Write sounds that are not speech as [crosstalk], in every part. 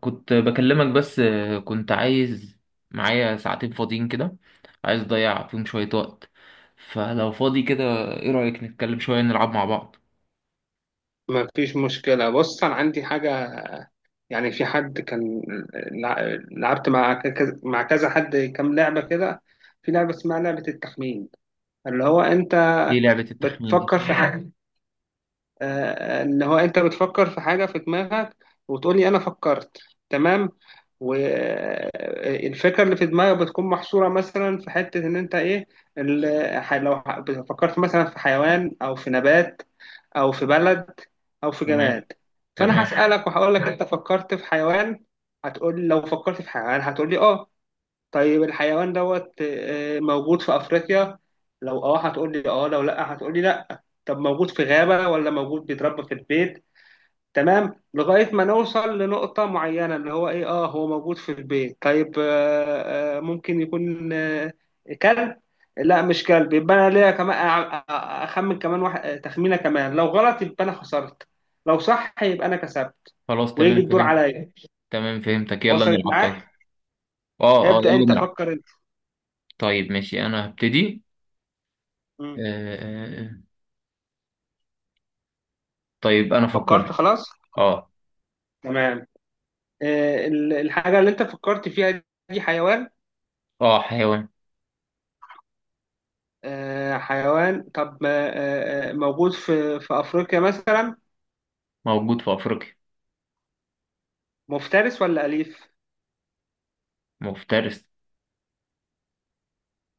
كنت بكلمك بس كنت عايز معايا ساعتين فاضيين كده. عايز اضيع فيهم شوية وقت، فلو فاضي كده، ايه رأيك نتكلم شوية نلعب مع بعض؟ ما فيش مشكلة. بص أنا عندي حاجة، يعني في حد كان لعبت مع كذا، مع كذا حد، كام لعبة كده. في لعبة اسمها لعبة التخمين، اللي هو أنت ايه لعبة التخمين دي؟ بتفكر في حاجة. ان هو انت بتفكر في حاجه في دماغك، وتقول لي انا فكرت. تمام. والفكره اللي في دماغك بتكون محصوره مثلا في حته ان انت ايه. ال- ح- لو ح- فكرت مثلا في حيوان او في نبات او في بلد او في تمام. جماد. فانا تمام. هسالك وهقول لك انت فكرت في حيوان، هتقول لي، لو فكرت في حيوان هتقول لي اه. طيب الحيوان دوت موجود في أفريقيا، لو اه هتقول لي اه، لو لا هتقول لي لا. طب موجود في غابة ولا موجود بيتربى في البيت؟ تمام، لغاية ما نوصل لنقطة معينة اللي هو ايه، اه هو موجود في البيت. طيب ممكن يكون كلب. لا مش كلب، يبقى انا ليا كمان اخمن كمان واحد، تخمينة كمان، لو غلط يبقى انا خسرت، لو صح يبقى انا كسبت. خلاص ويجي تمام الدور فهمت. عليا. تمام فهمتك، يلا وصلت نلعب طيب. معاك؟ اه اه ابدأ يلا انت، نلعب. فكر انت. طيب ماشي انا هبتدي. آه مم. آه، آه. طيب انا فكرت فكرت. خلاص؟ اه. تمام. الحاجة اللي أنت فكرت فيها دي حيوان. اه حيوان. حيوان. طب موجود في في أفريقيا مثلا؟ موجود في افريقيا. مفترس ولا أليف؟ مفترس.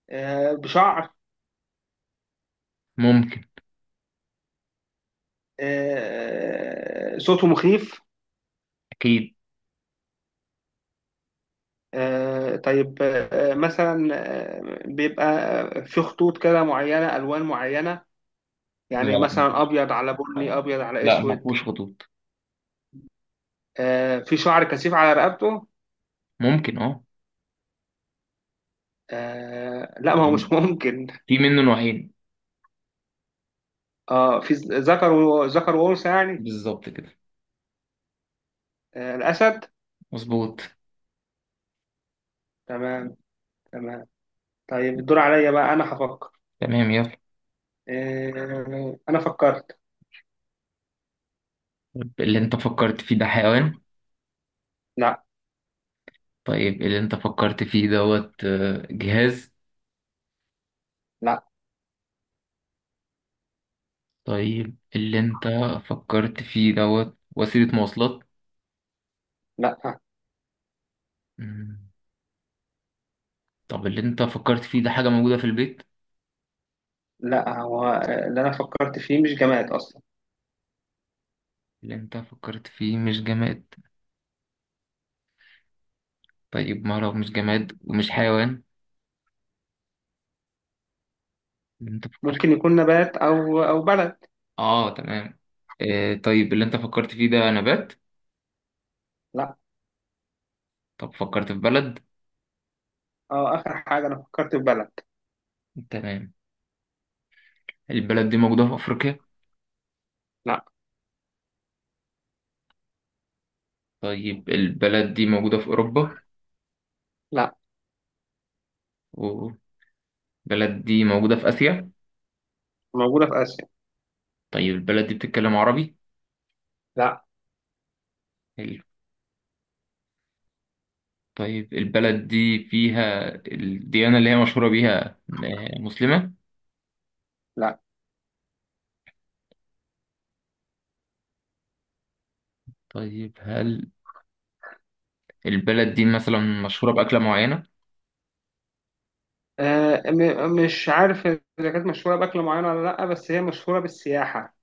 بشعر؟ ممكن. صوته مخيف؟ اكيد. طيب مثلا بيبقى في خطوط كده معينة، ألوان معينة، لا يعني لا مثلا مفهوش- أبيض على بني، أبيض على لا ما أسود؟ فيهوش خطوط. في شعر كثيف على رقبته؟ ممكن اه. لا، ما هو يعني مش ممكن. في منه نوعين. اه، في ذكر وانثى يعني؟ بالظبط كده. آه، الاسد. مظبوط. تمام، تمام. طيب الدور عليا بقى، انا هفكر. تمام يلا. آه، انا فكرت. طيب، اللي انت فكرت فيه ده حيوان؟ لا. طيب اللي انت فكرت فيه دوت جهاز؟ لا. طيب اللي انت فكرت فيه دوت وسيلة مواصلات؟ لا. مم. طب اللي انت فكرت فيه ده حاجة موجودة في البيت؟ لا، هو اللي انا فكرت فيه مش جماد اصلا. اللي انت فكرت فيه مش جماد. طيب ما لو مش جماد ومش حيوان، اللي انت فكرت. ممكن يكون نبات او او بلد. اه تمام. آه طيب اللي انت فكرت فيه ده نبات؟ لا. طب فكرت في بلد؟ اه، اخر حاجه، انا فكرت في بلد. تمام. البلد دي موجودة في أفريقيا؟ لا. طيب البلد دي موجودة في أوروبا؟ لا، والبلد دي موجودة في آسيا. موجوده في اسيا. طيب البلد دي بتتكلم عربي؟ لا. حلو. طيب البلد دي فيها الديانة اللي هي مشهورة بيها مسلمة؟ لا. طيب هل البلد دي مثلا مشهورة بأكلة معينة؟ مش عارف اذا كانت مشهوره باكل معين ولا لا، بس هي مشهوره بالسياحه،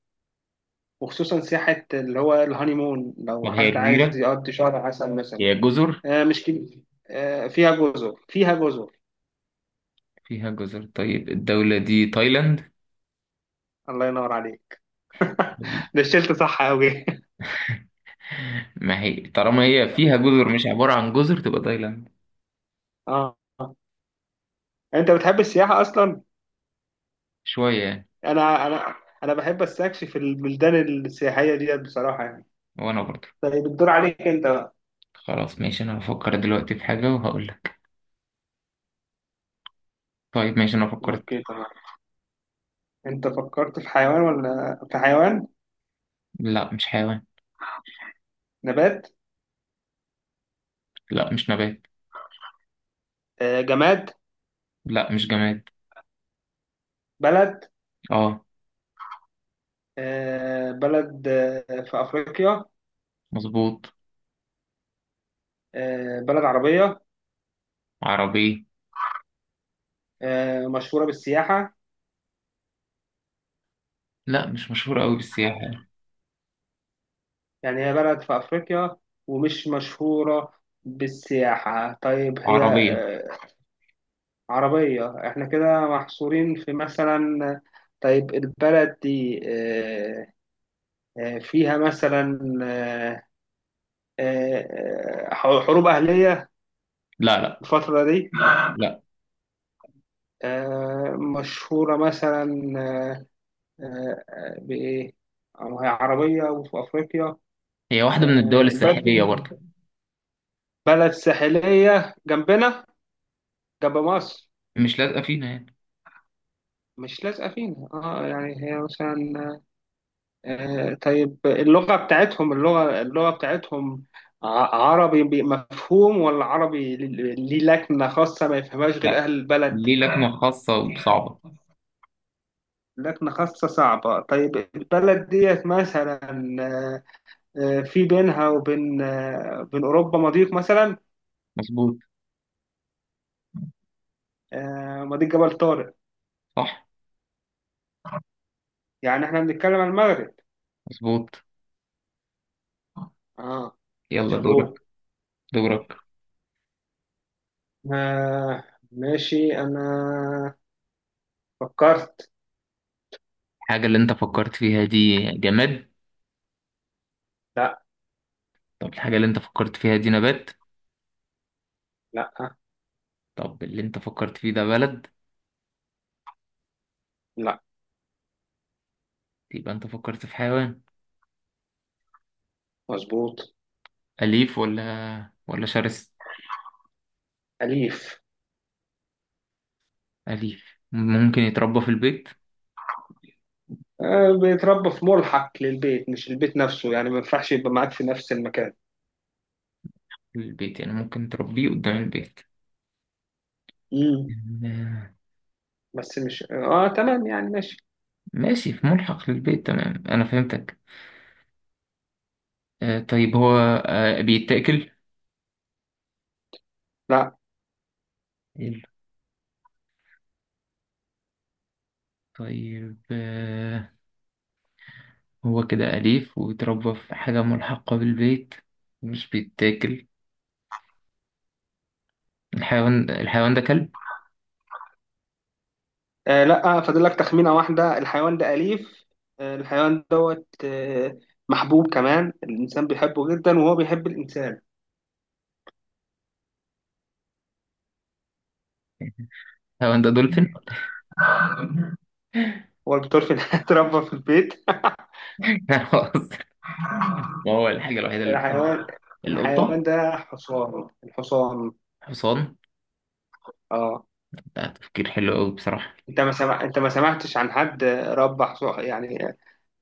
وخصوصا سياحة اللي هو الهانيمون، لو طب هي حد عايز جزيرة؟ يقضي شهر عسل مثلا. هي جزر؟ آه مش كده، آه فيها جزر، فيها جزر. فيها جزر. طيب الدولة دي تايلاند؟ الله ينور عليك، طيب، ده شلت صح أوي. ما هي طالما هي فيها جزر مش عبارة عن جزر تبقى تايلاند. [laughs] اه. انت بتحب السياحة اصلا؟ شوية يعني. انا انا بحب استكشف البلدان السياحية ديت بصراحة يعني. وأنا برضه. طيب الدور عليك انت بقى. خلاص ماشي أنا هفكر دلوقتي في حاجة وهقول لك. طيب ماشي انا فكرت. اوكي تمام. انت فكرت في حيوان ولا في حيوان؟ لا مش حيوان. نبات؟ لا مش نبات. آه، جماد؟ لا مش جماد. بلد؟ اه. آه بلد؟ آه في افريقيا؟ مظبوط. آه بلد عربية؟ عربية. مشهورة بالسياحة؟ لا مش مشهورة قوي بالسياحة يعني. يعني هي بلد في أفريقيا ومش مشهورة بالسياحة؟ طيب هي عربية. عربية؟ احنا كده محصورين في مثلا، طيب البلد دي فيها مثلا حروب أهلية لا. الفترة دي؟ لا مشهورة مثلا آه، بإيه؟ أو هي عربية وفي أفريقيا. هي واحدة من الدول الساحلية البلد، برضه. بلد ساحلية جنبنا، ده مصر. مش لازقة فينا يعني. مش لازقة فينا اه يعني، هي مثلا، آه طيب اللغة بتاعتهم، اللغة بتاعتهم ع- مفهوم، ولا عربي ليه ليه لكنة خاصة ما يفهمهاش غير لا، أهل البلد؟ ليه لكنة خاصة وصعبة. لكنة خاصة صعبة. طيب البلد ديت مثلا في بينها وبين بين أوروبا مضيق مثلا؟ مظبوط. مضيق جبل طارق؟ صح. يعني احنا بنتكلم عن المغرب. مظبوط. اه. يلا دورك. شابوه. دورك. آه ماشي، أنا فكرت. الحاجة اللي انت فكرت فيها دي جماد؟ لا. طب الحاجة اللي انت فكرت فيها دي نبات؟ لا. طب اللي انت فكرت فيه ده بلد؟ لا. يبقى انت فكرت في حيوان. مظبوط. أليف ولا ولا شرس؟ أليف. أليف ممكن يتربى في البيت؟ بيتربى في ملحق للبيت، مش البيت نفسه، يعني ما ينفعش يبقى معاك في نفس المكان. البيت يعني ممكن تربيه قدام البيت؟ امم آه، بس مش اه تمام يعني، ماشي. ماشي في ملحق للبيت تمام أنا فهمتك. طيب هو بيتاكل؟ لا. حلو. طيب هو كده أليف ويتربى في حاجة ملحقة بالبيت مش بيتاكل. الحيوان ده كلب؟ لا. فاضل لك تخمينة واحدة، الحيوان ده أليف، آه الحيوان دوت محبوب كمان، الإنسان بيحبه جدا وهو بيحب الإنسان. الحيوان ده دولفين؟ هو البطار في [laughs] اتربى في البيت؟ [laughs] [laughs] خلاص. ما هو الحاجة الوحيدة اللي بحبها الحيوان الحيوان القطة. ده حصان، الحصان. حصان؟ اه. ده تفكير حلو أوي بصراحة. انت ما سمع... انت ما سمعتش عن حد ربى حصان يعني؟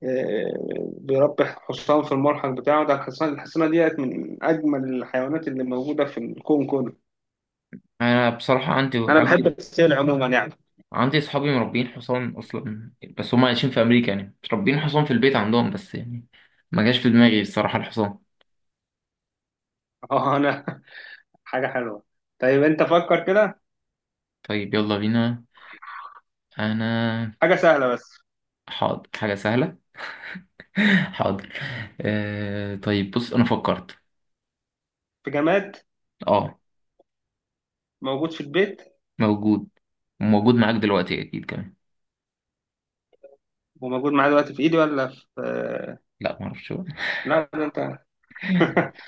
آه، بيربي حصان في الملحق بتاعه. ده الحصان، الحصانه ديت، من اجمل الحيوانات اللي موجوده في الكون كله. أنا بصراحة عندي انا بحب عندي السيل عموما يعني. عندي صحابي مربين حصان اصلا، بس هم عايشين في امريكا يعني مش ربين حصان في البيت عندهم بس يعني. ما جاش في دماغي الصراحه الحصان. اه انا. [laughs] حاجه حلوه. طيب انت فكر كده. طيب يلا بينا. انا حاجه سهله بس. حاضر حاجه سهله. [laughs] حاضر. آه طيب بص انا فكرت. في جماد، اه. موجود في البيت، موجود. موجود معاك دلوقتي اكيد كمان. وموجود معايا دلوقتي في ايدي ولا في لا ما اعرفش بقى. لا ده انت. [laughs] [laughs]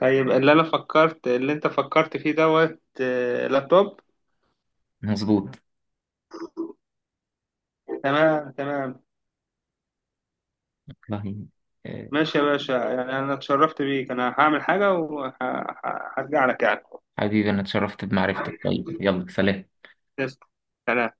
طيب اللي انت فكرت فيه دوت لابتوب. مظبوط. تمام، تمام. والله. آه، ماشي يا باشا، يعني انا اتشرفت بيك، انا هعمل حاجة وهرجع لك يعني. حبيبي انا اتشرفت بمعرفتك، طيب يلا سلام. تسلم. سلام.